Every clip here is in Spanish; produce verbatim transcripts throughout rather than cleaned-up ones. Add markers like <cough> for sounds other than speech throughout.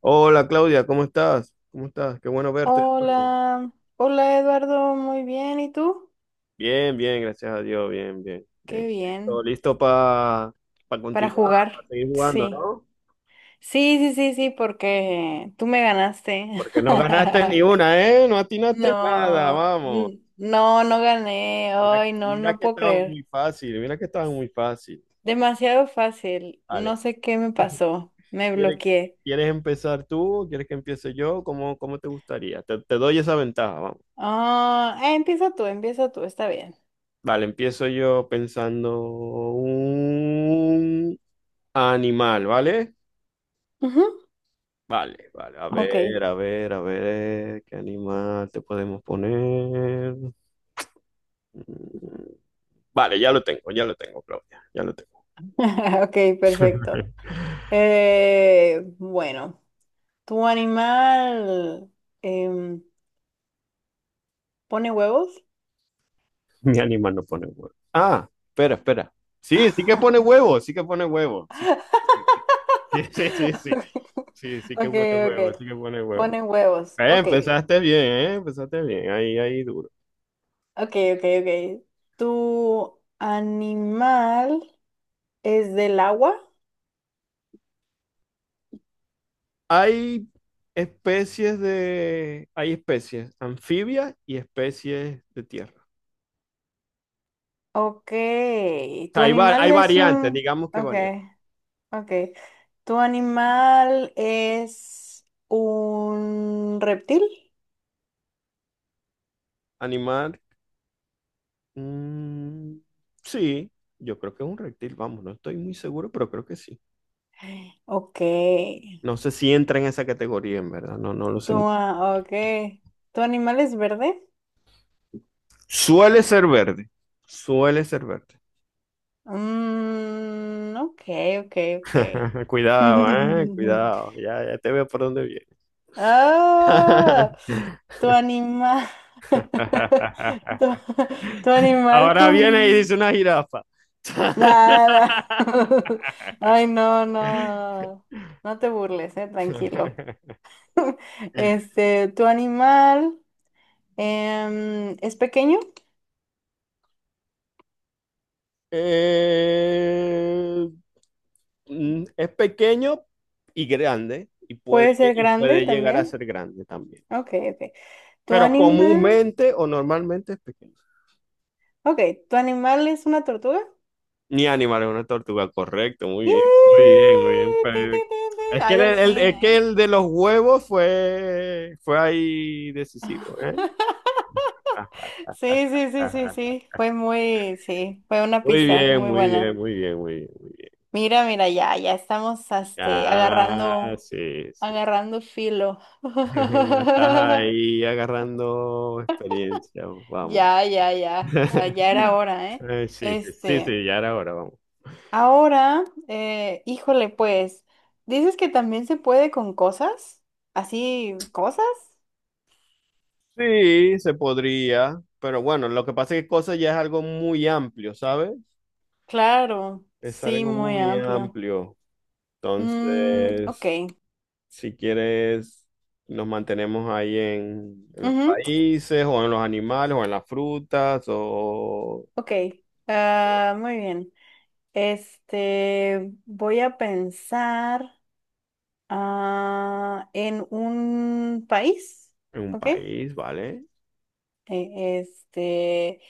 Hola Claudia, ¿cómo estás? ¿Cómo estás? Qué bueno verte. de nuevo. Hola, hola Eduardo, muy bien, ¿y tú? Bien, bien, gracias a Dios, bien, bien, Qué bien. Listo, bien, listo para para continuar, jugar, para seguir jugando, sí. ¿no? Sí, sí, sí, sí, porque tú me ganaste. Porque no ganaste ni <laughs> una, ¿eh? No atinaste No, nada, vamos. n- no, no gané, Mira, ay, que- no, mira no que puedo estaba muy creer. fácil, mira que estaba muy fácil. Demasiado fácil, no Vale, sé qué me pasó, me ¿quieres, bloqueé. quieres empezar tú? ¿Quieres que empiece yo? ¿Cómo, cómo te gustaría? Te, te doy esa ventaja, vamos. Ah, eh, empieza tú, empieza tú, está bien. Vale, empiezo yo pensando un animal, ¿vale? Ujú. Vale, vale, a Ok, ver, a ver, a ver, ¿qué animal te podemos poner? Mm, Vale, ya lo tengo, ya lo tengo, Claudia, ya lo tengo. <laughs> ok, perfecto. Eh, bueno. ¿Tu animal em, pone huevos? <laughs> Mi animal no pone huevo. Ah, espera, espera. Sí, sí que pone huevo, sí que pone huevo. Sí, sí, sí, sí, <laughs> sí, sí, sí, sí, <laughs> sí sí que Ok, pone ok. huevo, sí que pone huevo. Pone huevos. Eh, Ok, Ok, empezaste bien, eh, empezaste bien, ahí, ahí duro. ok, ok, ok. ¿Tu animal es del agua? Hay especies de, hay especies anfibias y especies de tierra. Ok. sea, ¿Tu hay, va- animal hay es variantes, un... digamos que Ok, variantes. ok. ¿Tu animal es un reptil? Animal. mm, sí, yo creo que es un reptil, vamos, no estoy muy seguro, pero creo que sí. Ok. No sé si entra en esa categoría, en verdad, no, no lo sé. ¿Tu, mu- a- ok. ¿Tu animal es verde? Suele ser verde, suele ser verde. Mm, ok, ok, ok. <laughs> Cuidado, eh, <laughs> cuidado, ya, ya te veo por dónde viene. Ah, tu animal. <laughs> Tu, <laughs> tu animal Ahora viene y comió. dice una jirafa. Nada. <laughs> Ay, no, no. No te burles, eh, tranquilo. <laughs> <laughs> Este, tu animal em, es pequeño, Eh, mm, es pequeño y grande y puede, puede ser y grande puede llegar a también. ser grande también. Ok, ok. Tu Pero animal. comúnmente o normalmente es pequeño. Ok, ¿tu animal es una tortuga? Ni animal es una tortuga, correcto, muy bien, muy ¡Yee! bien, muy bien. ¡Tin, Pero tin, tin, tin! es que Ahí el, al el- fin, es que ¿eh? el de los huevos fue, fue ahí decisivo, ¿eh? <laughs> Ah, ah, Sí, sí, sí, ah, sí, ah. sí. Fue muy, sí, fue una Muy pista bien, muy muy buena. bien, muy bien, muy bien, muy bien. Mira, mira, ya, ya estamos este, Ah, agarrando, sí, sí. agarrando filo. <laughs> Ya estás <laughs> ahí agarrando experiencia, vamos. Ya, ya, ya. ah, <laughs> Ya era hora, ¿eh? Eh, sí, sí, sí, Este, sí, ya era hora, vamos. ahora, eh, híjole, pues, ¿dices que también se puede con cosas? ¿Así, cosas? Sí, se podría, pero bueno, lo que pasa es que cosas ya es algo muy amplio, ¿sabes? Claro, Es sí, algo muy muy amplio. amplio. Mm, ok. Entonces, si quieres, nos mantenemos ahí en, en los Ujú, países, o en los animales, o en las frutas, o ok. Ah, muy bien. Este, voy a pensar ah, en un país, en un ¿ok? Eh, país, ¿vale? Este,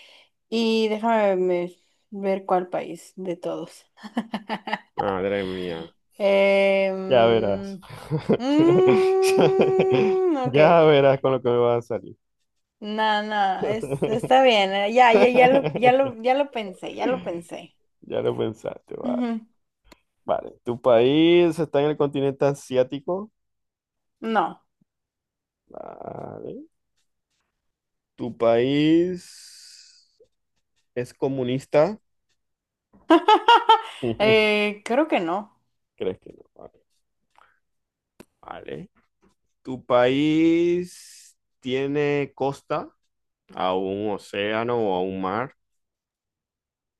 y déjame me- ver cuál país de todos. Madre mía, ya verás. Em, <laughs> mm, ok. Ya verás con lo que me va a salir. No, no, es- está bien. eh, Ya, ya, ya lo, ya lo, <laughs> ya lo pensé, ya lo pensé. Ya lo pensaste, va. Ujú. Vale. ¿Tu país está en el continente asiático? No. Vale. ¿Tu país es comunista? <laughs> <laughs> Eh, creo que no. ¿Crees que no? Vale. Vale. ¿Tu país tiene costa? ¿A un océano o a un mar?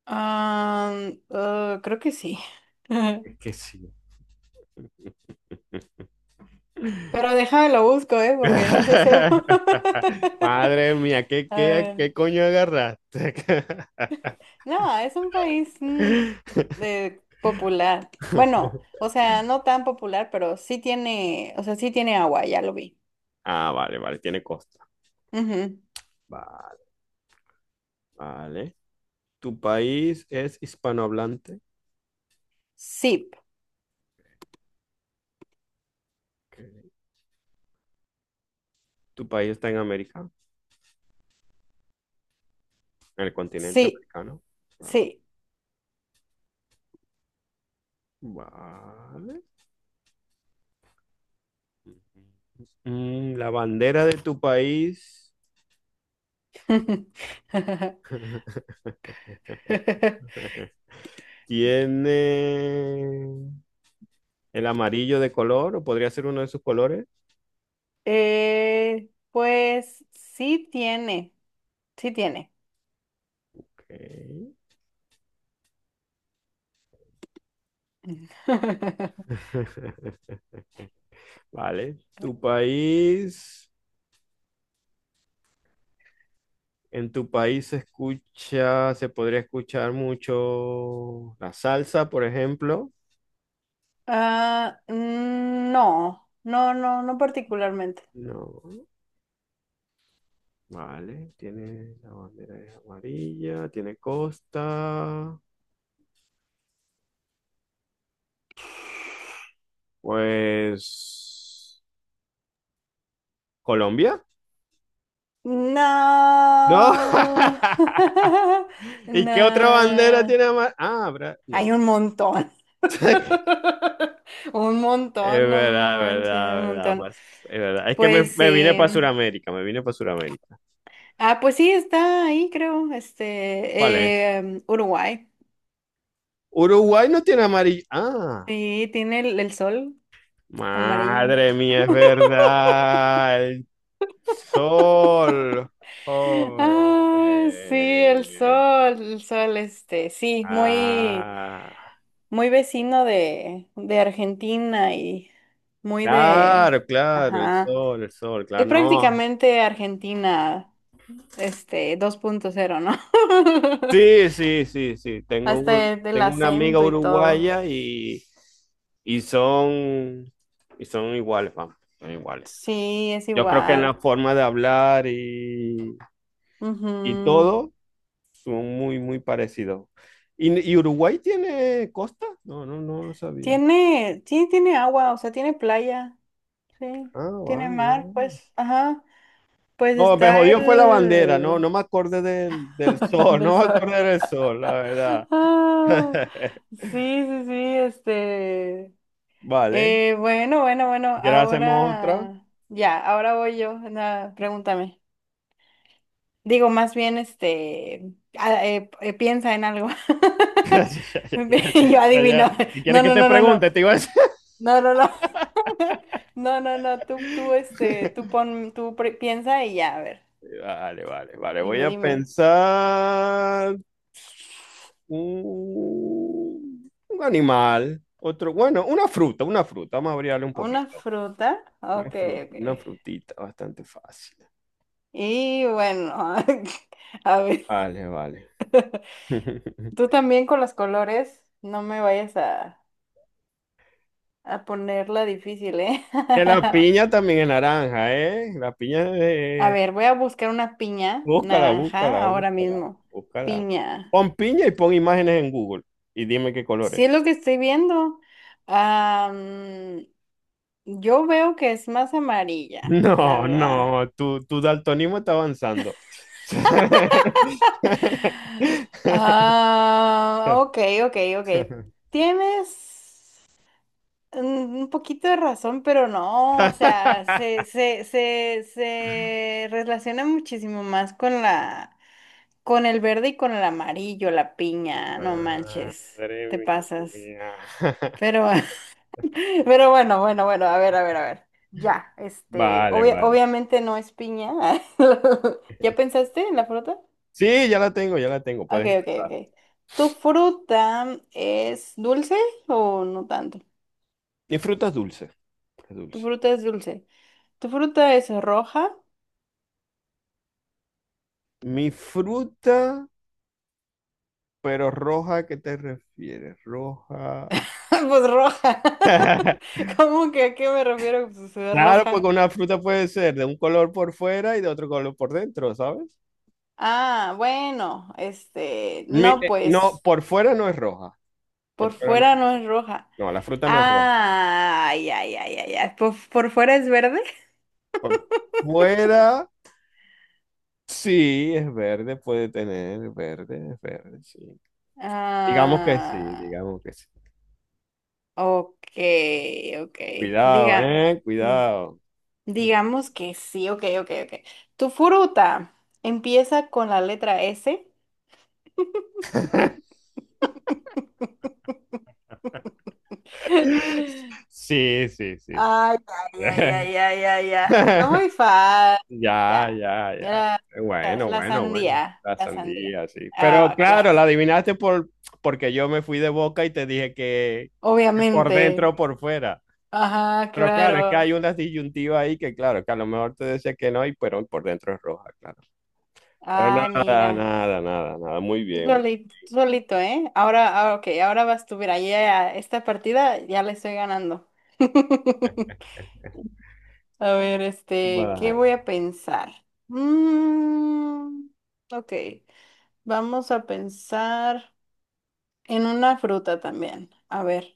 Ah, eh, creo que sí. Es que <laughs> sí. Pero déjame lo busco, ¿eh? Porque no sé seguro. <laughs> Madre mía, <laughs> ¿qué, A qué, ver. qué coño agarraste? No, es un país mm, <laughs> eh, popular. Bueno, o sea, no tan popular, pero sí tiene, o sea, sí tiene agua, ya lo vi. Ah, vale, vale, tiene costa. Ujú. Va- Vale. ¿Tu país es hispanohablante? Sí, Ok. ¿Tu país está en América? ¿En el continente sí, americano? Vale. sí. Vale. Mm, la bandera de tu país <laughs> <laughs> tiene el amarillo de color o podría ser uno de sus colores. Eh, pues sí tiene, sí tiene. Ok. <laughs> <laughs> Vale. Tu país, en tu país se escucha, se podría escuchar mucho la salsa, por ejemplo. Ah, mm, no, no, no, no particularmente. No. Vale, tiene la bandera es amarilla, tiene costa. Pues, ¿Colombia? No. No. <laughs> <laughs> ¿Y qué otra bandera No. tiene amarilla? Ah, Bra- Hay no. un montón. <laughs> <laughs> Un Es montón, no verdad, es manches, verdad, un es verdad, montón. pues, es verdad. Es que me, Sí. Pues me vine sí. para Sudamérica, me vine para Sudamérica. Ah, pues sí, está ahí, creo. ¿Cuál es? Este, em, Uruguay. Uruguay no tiene amarillo. Ah, Sí, tiene el, el sol amarillo. madre mía, es verdad. El sol. <laughs> Joder. Ah, sí, el sol, el sol, este, sí, muy. Ah, Muy vecino de, de Argentina y muy de, claro, claro, el ajá, sol, el sol, claro, es no. prácticamente Argentina, este, dos punto cero, ¿no? <laughs> Sí, sí, sí, sí. Tengo Hasta un, el, el tengo una amiga acento y todo. uruguaya y, y son, y son iguales, vamos, son iguales. Sí, es Yo creo que en la igual. forma de hablar y, y Ujú. todo son muy, muy parecidos. ¿Y, y Uruguay tiene costa? No, no, no lo sabía. Tiene, sí, tiene agua, o sea, tiene playa, sí, Ah, tiene vale. mar, Vale. pues, ajá, pues No, me está jodió fue la bandera, no, no el... me acordé del, del <laughs> sol, del no me sol. acordé del sol, la verdad. Ah, <laughs> sí, sí, sí, este... Vale, Eh, bueno, bueno, si bueno, quieres hacemos otra. ahora <laughs> ya, ahora voy yo. Nada, pregúntame. Digo, más bien, este, a- eh, eh, piensa en algo. Ya, <laughs> ya, Yo ya, ya. adivino. ¿Qué quieres No, que no, te no, no, no. pregunte? Te iba a decir. No, no, no. <laughs> No, no, no. Tú, tú, este, tú <laughs> pon, tú pre- piensa y ya, a ver. Vale, vale, vale, voy Dime, a dime. pensar un, un animal, otro, bueno, una fruta, una fruta, vamos a abrirle un ¿Una poquito. fruta? Una Ok, fru- ok. una frutita, bastante fácil. Y bueno, <laughs> a ver. Vale, vale. <laughs> <laughs> Tú también con los colores, no me vayas a... A ponerla difícil, ¿eh? Que la <laughs> piña también es naranja, ¿eh? La piña A es... ver, voy a buscar una piña Búscala, naranja búscala, ahora búscala, mismo. búscala. Piña. Pon piña y pon imágenes en Google y dime qué colores. Sí es lo <laughs> que estoy viendo. Am, yo veo que es más amarilla, la No, verdad. no, tu, tu daltonismo está avanzando. <laughs> Ah, ok, ok, ok. Tienes un un poquito de razón, pero no, o sea, se, se, se, se relaciona muchísimo más con la con el verde y con el amarillo, la piña, no manches, Madre te pasas. mía. Pero, <laughs> pero bueno, bueno, bueno, a ver, a ver, a ver. Ya, este, Vale, obvia- vale. obviamente no es piña. <laughs> ¿Ya pensaste en la fruta? Sí, ya la tengo, ya la tengo, Ok, puedes ok, empezar. ok. ¿Tu fruta es dulce o no tanto? Mi fruta es dulce, es Tu dulce. fruta es dulce. ¿Tu fruta es roja? Mi fruta... Pero roja, ¿a qué te refieres? Roja. <laughs> Pues roja. <laughs> <laughs> ¿Cómo que a qué me refiero? Pues eh, Claro, porque roja. una fruta puede ser de un color por fuera y de otro color por dentro, ¿sabes? Ah, bueno, este, Mi- no, eh, no, pues. por fuera no es roja. Por Por fuera no. fuera no es roja. No, la fruta no es roja. Ah, ya, ya, ya, ya. ¿Por, por fuera es verde? Por fuera sí es verde, puede tener verde, es verde, sí. Digamos que sí, Ah, digamos que sí. ok, ok. Cuidado, Diga, ¿eh? mm, Cuidado. digamos que sí, ok, ok, ok. Tu fruta empieza con la letra S. <laughs> <laughs> Sí, sí, sí, sí. Ay, ay, ay, ay, <laughs> ay, ay, ya, está muy fácil. Ya, Ya. ya, ya. Mira, la, Bueno, la bueno, bueno. sandía, La la sandía. sandía, sí. Pero Ah, claro, la claro. adivinaste por, porque yo me fui de boca y te dije que, que por dentro Obviamente. o por fuera. Ajá, Pero claro, es que claro. hay unas disyuntivas ahí que, claro, que a lo mejor te decía que no, y pero por dentro es roja, claro. Pero Ay, nada, mira. nada, nada, nada. Muy Tú bien. soli- tú solito, ¿eh? Ahora, ahora, ok, ahora vas tú. Mira, ya esta partida ya le estoy ganando. <laughs> A ver, este, ¿qué Vale. voy a pensar? Mm, ok, vamos a pensar en una fruta también. A ver,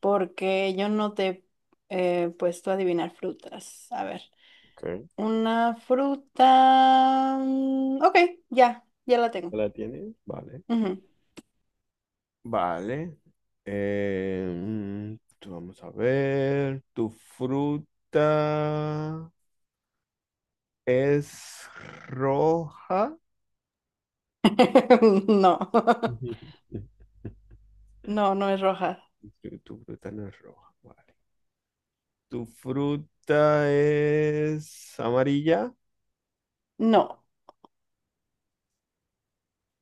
porque yo no te he puesto a adivinar frutas. A ver, Ok. una fruta. mm, Ok, ya, ya la tengo. ¿La tienes? Vale. Ujú. Vale. Eh, mm, Vamos a ver. Tu fruta es roja. <laughs> No, <laughs> <laughs> no, no es roja. Tu fruta no es roja, vale. Tu fruta es amarilla. No.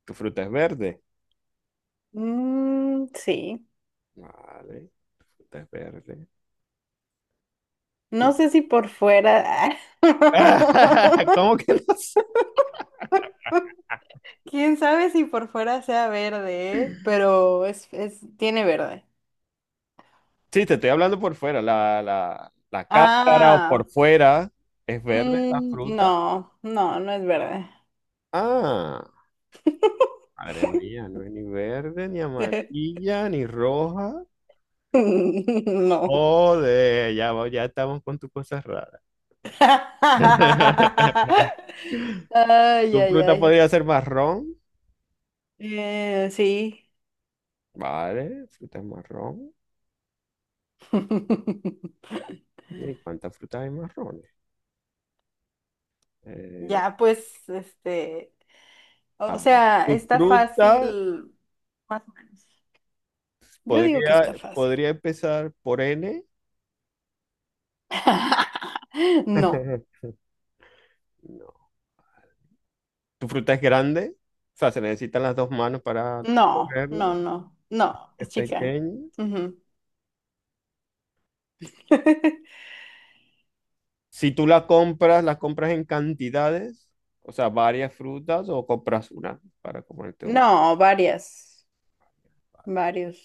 Tu fruta es verde. Mm, sí. Vale. Tu fruta es verde. Tu... No sé si por fuera. <laughs> ¿Cómo <laughs> que no sé? Quién sabe si por fuera sea verde, ¿eh? Pero es, es, tiene verde. Sí, te estoy hablando por fuera. La, la, la cáscara o Ah, por fuera es verde la mm, fruta. no, no, no es verde. Ah, madre mía, no es ni verde, ni <laughs> amarilla, ni roja. No. Joder, ya, va- ya estamos con tus cosas raras. <laughs> <laughs> Ay, Tu ay, fruta ay. podría ser marrón. Eh, sí. Vale, fruta es marrón. <laughs> ¿Y cuántas frutas hay marrones? Eh, Ya, pues, este, a o ver. sea, Tu está fruta fácil, más o menos. Yo digo que podría, está fácil. podría empezar por N. <laughs> No, <laughs> No. Tu fruta es grande. O sea, se necesitan las dos manos para no, cogerla. no, no, no, Es es chica. pequeña. Ujú. <laughs> Si tú la compras, la compras en cantidades. O sea, varias frutas o compras una para comerte una. No, varias, varios.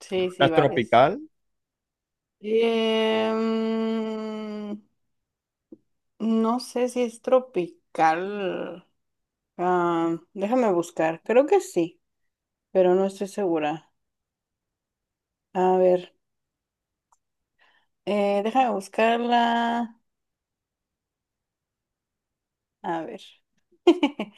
Sí, Fruta sí, es varios. tropical. Em, no sé si es tropical. Ah, déjame buscar, creo que sí, pero no estoy segura. A ver. Eh, déjame buscarla. A ver. <laughs>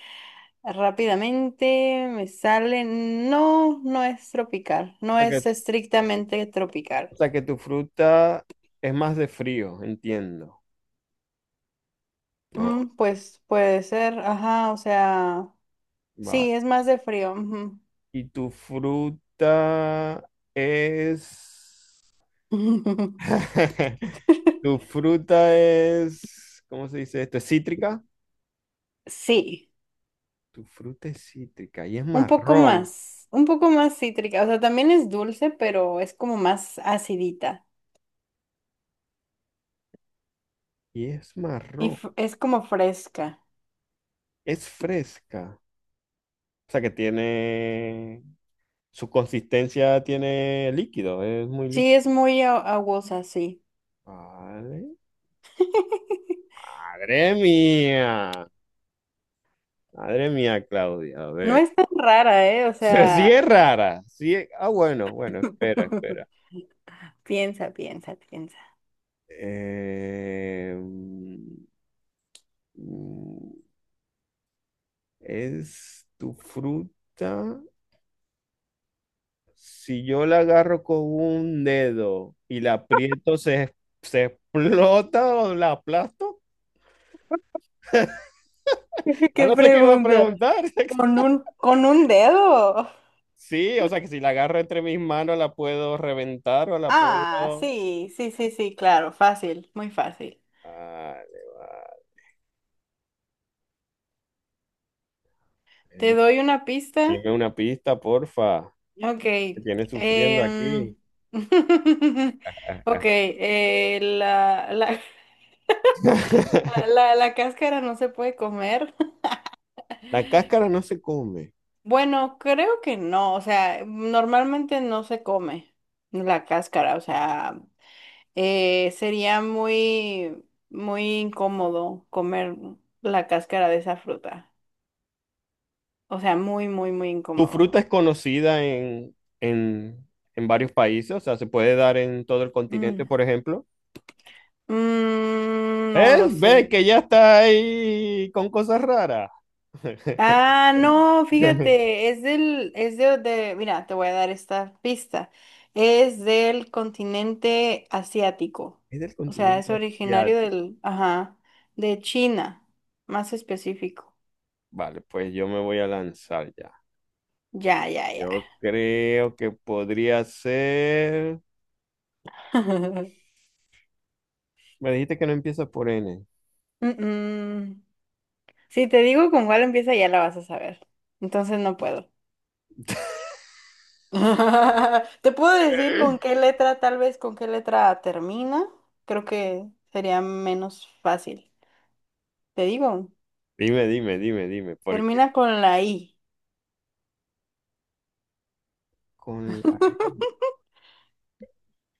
Rápidamente me sale. No, no es tropical. O No sea es que estrictamente tropical. O sea que tu fruta es más de frío, entiendo. No, Mm, pues puede ser. Ajá, o sea. vale. Sí, es más de frío. Ujú. Y tu fruta es... <laughs> <laughs> Tu fruta es... ¿Cómo se dice esto? ¿Es cítrica? Sí, Tu fruta es cítrica y es un poco marrón. más. Un poco más cítrica. O sea, también es dulce, pero es como más acidita. Y es Y marrón. fr- es como fresca. Es fresca. O sea que tiene... Su consistencia tiene líquido, es muy Sí, es líquido. muy a- aguosa, sí. Vale. <laughs> Madre mía. Madre mía, Claudia. A No ver. es tan rara, ¿eh? O Se- Sí sea, es rara. Sí es- Ah, bueno, bueno, espera, espera. <laughs> piensa, piensa, piensa. Eh, mm, es tu fruta. Si yo la agarro con un dedo y la aprieto, ¿se, se explota o la aplasto? <laughs> Ya ¿Qué no sé qué va a pregunta? preguntar. <laughs> ¿Con un, con un dedo? Sí, o sea que si la agarro entre mis manos, la puedo reventar o la Ah, puedo... sí, sí, sí, sí, claro, fácil, muy fácil. Vale, vale. ¿Te doy una pista? Dime una pista, porfa. Ok. Me tienes sufriendo em, aquí. <laughs> Ok, <laughs> eh, la, la, la, la, la cáscara no se puede comer. <laughs> La cáscara no se come. Bueno, creo que no, o sea, normalmente no se come la cáscara, o sea... Eh, sería muy, muy incómodo comer la cáscara de esa fruta. O sea, muy, muy, muy Tu incómodo. fruta es conocida en, en, en varios países, o sea, se puede dar en todo el Mm. continente, por ejemplo. Mm, no lo ¿Ves? sé. Ve que ya está ahí con cosas raras. <laughs> Ah, no, fíjate, es del, es de, de- mira, te voy a dar esta pista. Es del continente asiático. Es del O sea, es continente originario asiático. del, ajá, de China, más específico. Vale, pues yo me voy a lanzar ya. Ya, ya, ya. Yo creo que podría ser... <laughs> Me dijiste que no empieza por N. Mm, mm. Si te digo con cuál empieza, ya la vas a saber. Entonces no puedo. <laughs> <laughs> Te puedo decir con qué letra, tal vez con qué letra termina. Creo que sería menos fácil. Te digo, Dime, dime, dime, dime, porque termina con la I. con la, <laughs>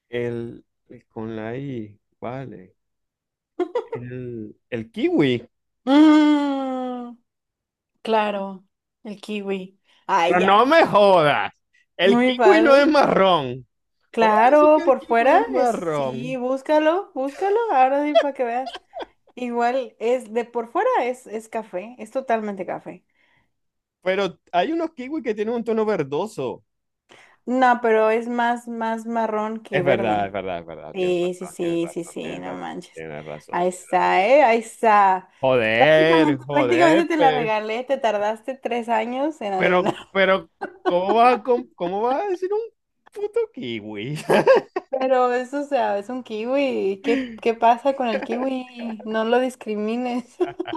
el, con la I, vale. El, el kiwi. Mm, claro, el kiwi. Ah, Pero ya. no me jodas. El Muy kiwi no es fácil. marrón. ¿Cómo vas a decir que Claro, el por kiwi fuera, es es, sí, marrón? búscalo, búscalo, ahora sí para que veas. Igual es de por fuera es, es café, es totalmente café. Pero hay unos kiwis que tienen un tono verdoso. No, pero es más, más marrón que Es verdad, es verde. verdad, es verdad. Tienes Sí, sí, razón, tienes sí, sí, razón, sí, tienes no razón, manches. tienes razón, Ahí tienes razón. está, ¿eh? Ahí está. Joder, Prácticamente, joder, prácticamente te la pe- regalé, te tardaste tres años en pero, adivinar. <laughs> pero, ¿cómo vas a, com- cómo vas a decir un puto kiwi? Pero eso, o sea, es un kiwi. ¿Qué, qué <laughs> pasa con el kiwi? No lo discrimines. <laughs>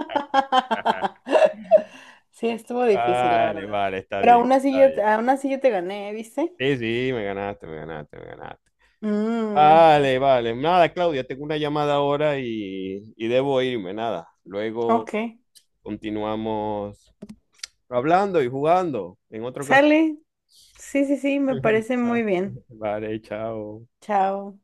Sí, estuvo difícil, la Vale, verdad. vale, está Pero bien, aún así está yo, bien. aún así yo te gané, ¿eh? ¿Viste? Sí, sí, me ganaste, me ganaste, me ganaste. Mm, Vale, vale. Nada, Claudia, tengo una llamada ahora y, y debo irme, nada. Luego ok. continuamos hablando y jugando en otro caso. Sale. Sí, sí, sí, me parece <laughs> Va- muy bien. Vale, chao. Chao.